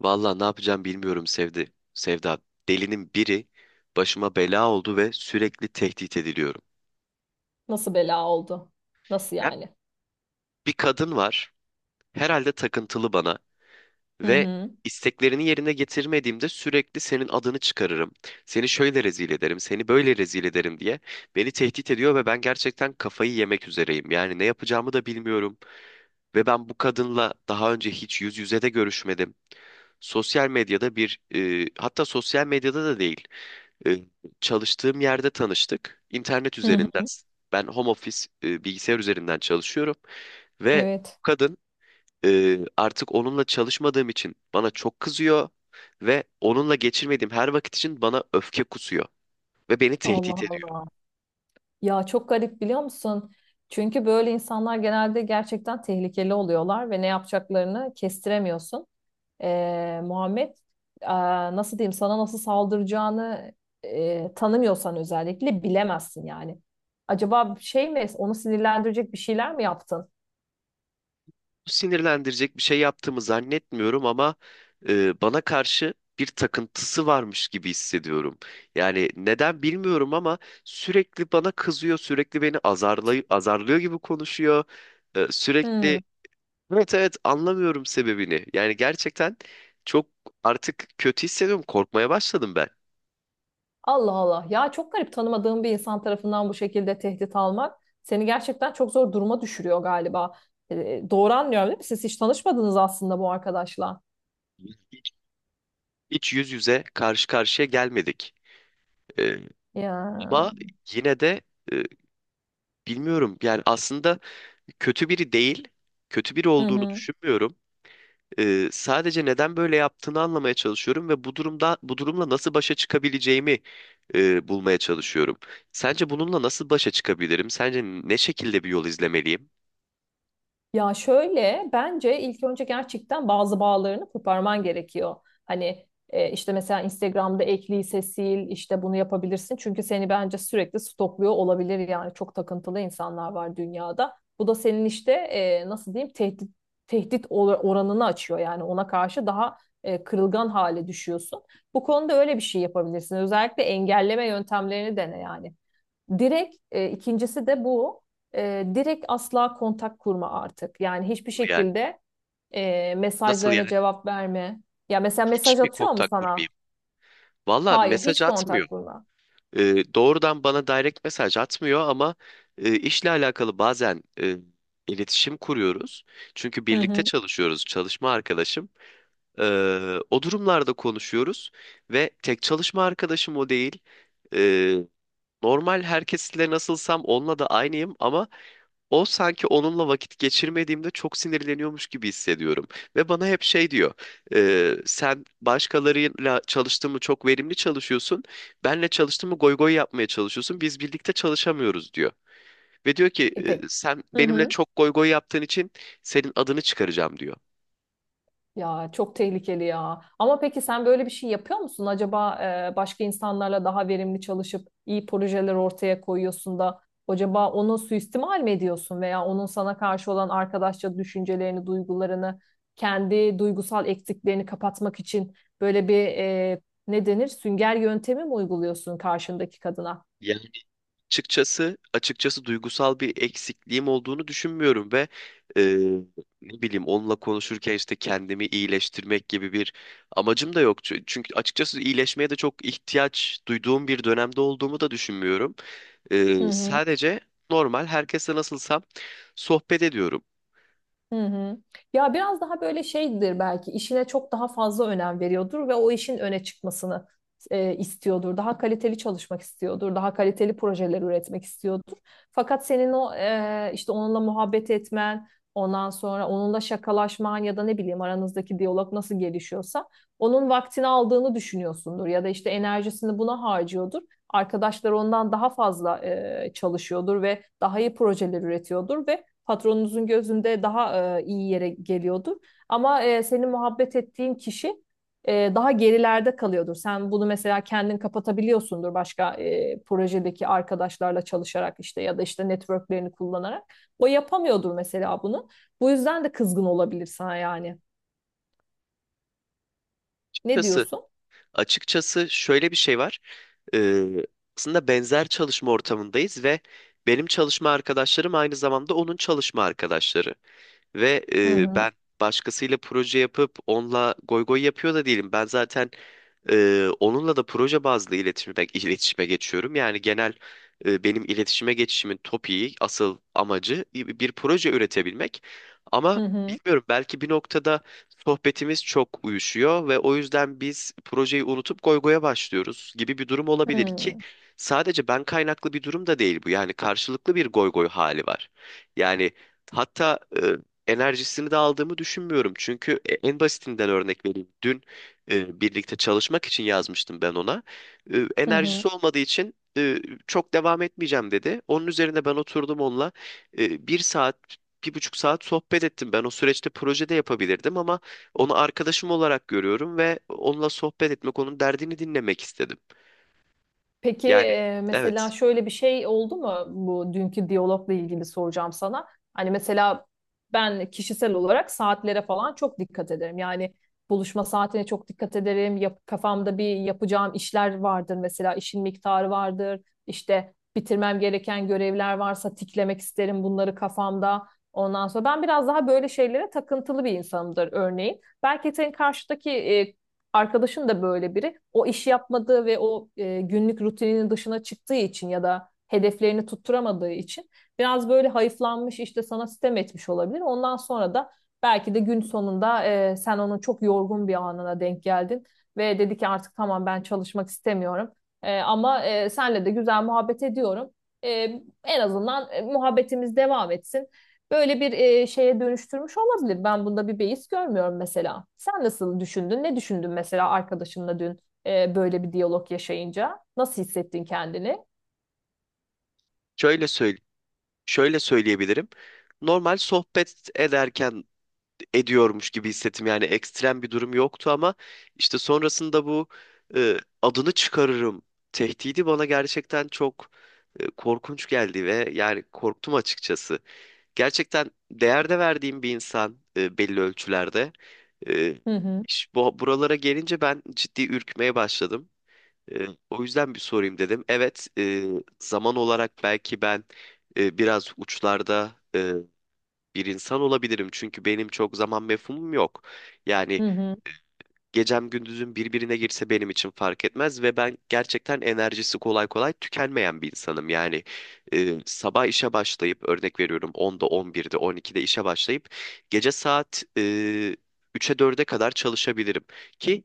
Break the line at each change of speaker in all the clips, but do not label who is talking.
Valla ne yapacağım bilmiyorum Sevda. Delinin biri başıma bela oldu ve sürekli tehdit ediliyorum.
Nasıl bela oldu? Nasıl
Ya,
yani?
bir kadın var. Herhalde takıntılı bana
Hı
ve
hı.
isteklerini yerine getirmediğimde sürekli senin adını çıkarırım. Seni şöyle rezil ederim, seni böyle rezil ederim diye beni tehdit ediyor ve ben gerçekten kafayı yemek üzereyim. Yani ne yapacağımı da bilmiyorum ve ben bu kadınla daha önce hiç yüz yüze de görüşmedim. Sosyal medyada bir, hatta sosyal medyada da değil. E, Çalıştığım yerde tanıştık. İnternet
Hı
üzerinden.
hı.
Ben home office bilgisayar üzerinden çalışıyorum ve
Evet.
kadın artık onunla çalışmadığım için bana çok kızıyor ve onunla geçirmediğim her vakit için bana öfke kusuyor ve beni tehdit.
Allah Allah. Ya çok garip biliyor musun? Çünkü böyle insanlar genelde gerçekten tehlikeli oluyorlar ve ne yapacaklarını kestiremiyorsun. Muhammed, e, nasıl diyeyim sana nasıl saldıracağını tanımıyorsan özellikle bilemezsin yani. Acaba şey mi, onu sinirlendirecek bir şeyler mi yaptın?
Sinirlendirecek bir şey yaptığımı zannetmiyorum ama bana karşı bir takıntısı varmış gibi hissediyorum. Yani neden bilmiyorum ama sürekli bana kızıyor, sürekli beni azarlıyor gibi konuşuyor. Sürekli.
Hmm.
Evet, evet, anlamıyorum sebebini. Yani gerçekten çok artık kötü hissediyorum, korkmaya başladım ben.
Allah Allah. Ya çok garip, tanımadığım bir insan tarafından bu şekilde tehdit almak seni gerçekten çok zor duruma düşürüyor galiba. E, doğru anlıyorum değil mi? Siz hiç tanışmadınız aslında bu arkadaşla.
Hiç yüz yüze karşı karşıya gelmedik. E,
Ya.
Ama yine de e, bilmiyorum yani aslında kötü biri değil, kötü biri
Hı
olduğunu
hı.
düşünmüyorum. Sadece neden böyle yaptığını anlamaya çalışıyorum ve bu durumla nasıl başa çıkabileceğimi bulmaya çalışıyorum. Sence bununla nasıl başa çıkabilirim? Sence ne şekilde bir yol izlemeliyim?
Ya şöyle, bence ilk önce gerçekten bazı bağlarını koparman gerekiyor. Hani işte mesela Instagram'da ek lise sil, işte bunu yapabilirsin. Çünkü seni bence sürekli stokluyor olabilir, yani çok takıntılı insanlar var dünyada. Bu da senin işte nasıl diyeyim, oranını açıyor, yani ona karşı daha kırılgan hale düşüyorsun. Bu konuda öyle bir şey yapabilirsin. Özellikle engelleme yöntemlerini dene yani. Direkt, ikincisi de bu. E, direkt asla kontak kurma artık. Yani hiçbir
Yani
şekilde
nasıl
mesajlarına
yani?
cevap verme. Ya mesela mesaj
Hiç mi
atıyor mu
kontak
sana?
kurmayayım? Valla
Hayır,
mesaj
hiç
atmıyor.
kontak kurma.
Doğrudan bana direkt mesaj atmıyor ama işle alakalı bazen iletişim kuruyoruz. Çünkü
Hı
birlikte
hı.
çalışıyoruz, çalışma arkadaşım. O durumlarda konuşuyoruz ve tek çalışma arkadaşım o değil. Ee, Normal herkesle nasılsam onunla da aynıyım ama o sanki onunla vakit geçirmediğimde çok sinirleniyormuş gibi hissediyorum. Ve bana hep şey diyor, Sen başkalarıyla çalıştığın mı çok verimli çalışıyorsun, benle çalıştığın mı goy goy yapmaya çalışıyorsun, biz birlikte çalışamıyoruz," diyor. Ve diyor ki,
E peki.
Sen
Hı
benimle
hı.
çok goy goy yaptığın için senin adını çıkaracağım," diyor.
Ya çok tehlikeli ya. Ama peki sen böyle bir şey yapıyor musun? Acaba başka insanlarla daha verimli çalışıp iyi projeler ortaya koyuyorsun da, acaba onu suistimal mi ediyorsun, veya onun sana karşı olan arkadaşça düşüncelerini, duygularını, kendi duygusal eksiklerini kapatmak için böyle bir ne denir, sünger yöntemi mi uyguluyorsun karşındaki kadına?
Açıkçası, duygusal bir eksikliğim olduğunu düşünmüyorum ve eee, ne bileyim onunla konuşurken işte kendimi iyileştirmek gibi bir amacım da yok. Çünkü açıkçası iyileşmeye de çok ihtiyaç duyduğum bir dönemde olduğumu da düşünmüyorum.
Hı hı.
Sadece normal herkese nasılsam sohbet ediyorum.
Hı hı. Ya biraz daha böyle şeydir belki, işine çok daha fazla önem veriyordur ve o işin öne çıkmasını istiyordur. Daha kaliteli çalışmak istiyordur. Daha kaliteli projeler üretmek istiyordur. Fakat senin o işte onunla muhabbet etmen, ondan sonra onunla şakalaşman ya da ne bileyim aranızdaki diyalog nasıl gelişiyorsa onun vaktini aldığını düşünüyorsundur ya da işte enerjisini buna harcıyordur. Arkadaşlar ondan daha fazla çalışıyordur ve daha iyi projeler üretiyordur ve patronunuzun gözünde daha iyi yere geliyordur. Ama senin muhabbet ettiğin kişi daha gerilerde kalıyordur. Sen bunu mesela kendin kapatabiliyorsundur başka projedeki arkadaşlarla çalışarak, işte, ya da işte networklerini kullanarak. O yapamıyordur mesela bunu. Bu yüzden de kızgın olabilir sana yani. Ne
Açıkçası,
diyorsun?
açıkçası, şöyle bir şey var. Eee, Aslında benzer çalışma ortamındayız ve benim çalışma arkadaşlarım aynı zamanda onun çalışma arkadaşları. Ve
Hı hı.
ben başkasıyla proje yapıp onunla goy goy yapıyor da değilim. Ben zaten onunla da proje bazlı iletişime geçiyorum. Yani genel benim iletişime geçişimin topiği, asıl amacı bir proje üretebilmek. Ama
Hı hı.
bilmiyorum, belki bir noktada sohbetimiz çok uyuşuyor ve o yüzden biz projeyi unutup goygoya başlıyoruz gibi bir durum
Hı
olabilir ki
hı.
sadece ben kaynaklı bir durum da değil bu. Yani karşılıklı bir goygoy hali var. Yani hatta enerjisini de aldığımı düşünmüyorum. Çünkü en basitinden örnek vereyim. Dün birlikte çalışmak için yazmıştım ben ona.
Hı hı.
Enerjisi olmadığı için çok devam etmeyeceğim dedi. Onun üzerine ben oturdum onunla bir saat, bir buçuk saat sohbet ettim. Ben o süreçte projede yapabilirdim ama onu arkadaşım olarak görüyorum ve onunla sohbet etmek, onun derdini dinlemek istedim.
Peki,
Yani evet,
mesela şöyle bir şey oldu mu, bu dünkü diyalogla ilgili soracağım sana. Hani mesela ben kişisel olarak saatlere falan çok dikkat ederim. Yani buluşma saatine çok dikkat ederim. Kafamda bir yapacağım işler vardır mesela, işin miktarı vardır. İşte bitirmem gereken görevler varsa tiklemek isterim bunları kafamda. Ondan sonra ben biraz daha böyle şeylere takıntılı bir insanımdır örneğin. Belki senin karşıdaki e, Arkadaşın da böyle biri. O işi yapmadığı ve o günlük rutininin dışına çıktığı için ya da hedeflerini tutturamadığı için biraz böyle hayıflanmış, işte sana sitem etmiş olabilir. Ondan sonra da belki de gün sonunda sen onun çok yorgun bir anına denk geldin ve dedi ki artık tamam ben çalışmak istemiyorum. Ama senle de güzel muhabbet ediyorum. E, En azından muhabbetimiz devam etsin, böyle bir şeye dönüştürmüş olabilir. Ben bunda bir beis görmüyorum mesela. Sen nasıl düşündün? Ne düşündün mesela arkadaşınla dün böyle bir diyalog yaşayınca? Nasıl hissettin kendini?
şöyle söyle, şöyle söyleyebilirim. Normal sohbet ediyormuş gibi hissettim. Yani ekstrem bir durum yoktu ama işte sonrasında bu e, adını çıkarırım tehdidi bana gerçekten çok korkunç geldi ve yani korktum açıkçası. Gerçekten değerde verdiğim bir insan belli ölçülerde. E,
Hı hı,
Buralara gelince ben ciddi ürkmeye başladım. O yüzden bir sorayım dedim. Evet, zaman olarak belki ben biraz uçlarda bir insan olabilirim. Çünkü benim çok zaman mefhumum yok. Yani
hı hı.
gecem gündüzüm birbirine girse benim için fark etmez ve ben gerçekten enerjisi kolay kolay tükenmeyen bir insanım. Yani sabah işe başlayıp örnek veriyorum 10'da 11'de 12'de işe başlayıp gece saat 3'e 4'e kadar çalışabilirim ki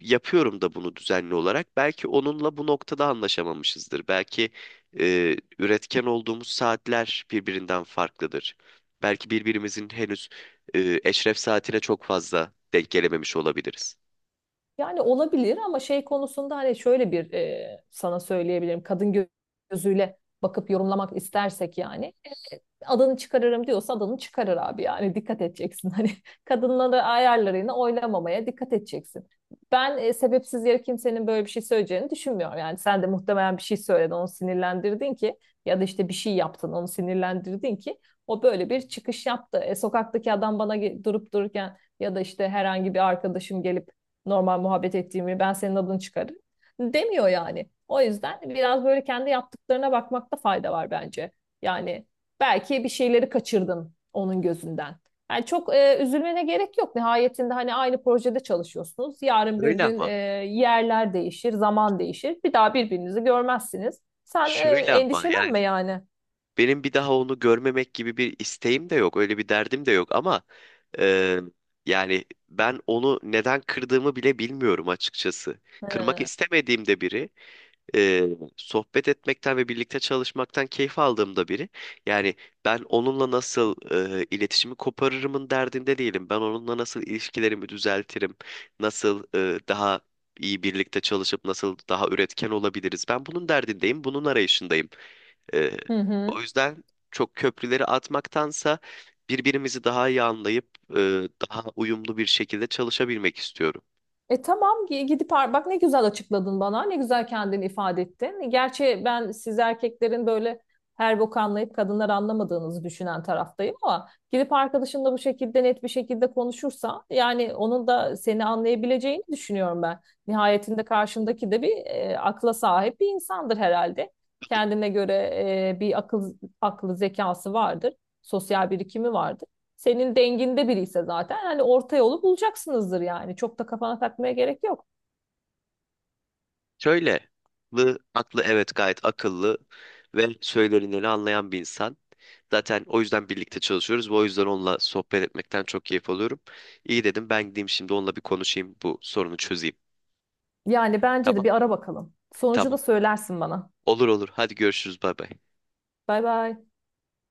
yapıyorum da bunu düzenli olarak. Belki onunla bu noktada anlaşamamışızdır. Belki üretken olduğumuz saatler birbirinden farklıdır. Belki birbirimizin henüz eşref saatine çok fazla denk gelememiş olabiliriz.
Yani olabilir ama şey konusunda, hani şöyle bir sana söyleyebilirim. Gözüyle bakıp yorumlamak istersek yani. Adını çıkarırım diyorsa adını çıkarır abi, yani dikkat edeceksin. Hani kadınları ayarlarını oynamamaya dikkat edeceksin. Ben sebepsiz yere kimsenin böyle bir şey söyleyeceğini düşünmüyorum. Yani sen de muhtemelen bir şey söyledin, onu sinirlendirdin ki, ya da işte bir şey yaptın, onu sinirlendirdin ki o böyle bir çıkış yaptı. E, sokaktaki adam bana durup dururken ya da işte herhangi bir arkadaşım gelip normal muhabbet ettiğimi, ben senin adını çıkarırım demiyor yani. O yüzden biraz böyle kendi yaptıklarına bakmakta fayda var bence. Yani belki bir şeyleri kaçırdın onun gözünden. Yani çok üzülmene gerek yok. Nihayetinde hani aynı projede çalışıyorsunuz. Yarın bir
Öyle
gün
ama,
yerler değişir, zaman değişir. Bir daha birbirinizi görmezsiniz. Sen
şöyle ama, yani
endişelenme yani.
benim bir daha onu görmemek gibi bir isteğim de yok, öyle bir derdim de yok ama e, yani ben onu neden kırdığımı bile bilmiyorum açıkçası. Kırmak istemediğim de biri. e, Sohbet etmekten ve birlikte çalışmaktan keyif aldığımda biri. Yani ben onunla nasıl iletişimi koparırımın derdinde değilim. Ben onunla nasıl ilişkilerimi düzeltirim, nasıl daha iyi birlikte çalışıp nasıl daha üretken olabiliriz. Ben bunun derdindeyim, bunun arayışındayım. E,
Hı hı.
O yüzden çok köprüleri atmaktansa birbirimizi daha iyi anlayıp daha uyumlu bir şekilde çalışabilmek istiyorum.
E tamam, gidip bak ne güzel açıkladın bana. Ne güzel kendini ifade ettin. Gerçi ben siz erkeklerin böyle her boku anlayıp kadınlar anlamadığınızı düşünen taraftayım, ama gidip arkadaşınla bu şekilde net bir şekilde konuşursa yani onun da seni anlayabileceğini düşünüyorum ben. Nihayetinde karşındaki de bir akla sahip bir insandır herhalde. Kendine göre e, bir akıl aklı zekası vardır. Sosyal birikimi vardır, senin denginde biri ise zaten hani orta yolu bulacaksınızdır yani. Çok da kafana takmaya gerek yok.
Şöyle, aklı, evet gayet akıllı ve söylenileni anlayan bir insan. Zaten o yüzden birlikte çalışıyoruz ve o yüzden onunla sohbet etmekten çok keyif alıyorum. İyi, dedim ben gideyim şimdi onunla bir konuşayım bu sorunu çözeyim.
Yani bence de
Tamam,
bir ara bakalım. Sonucu
tamam.
da söylersin bana.
Olur, olur. Hadi görüşürüz. Bay bay.
Bay bay.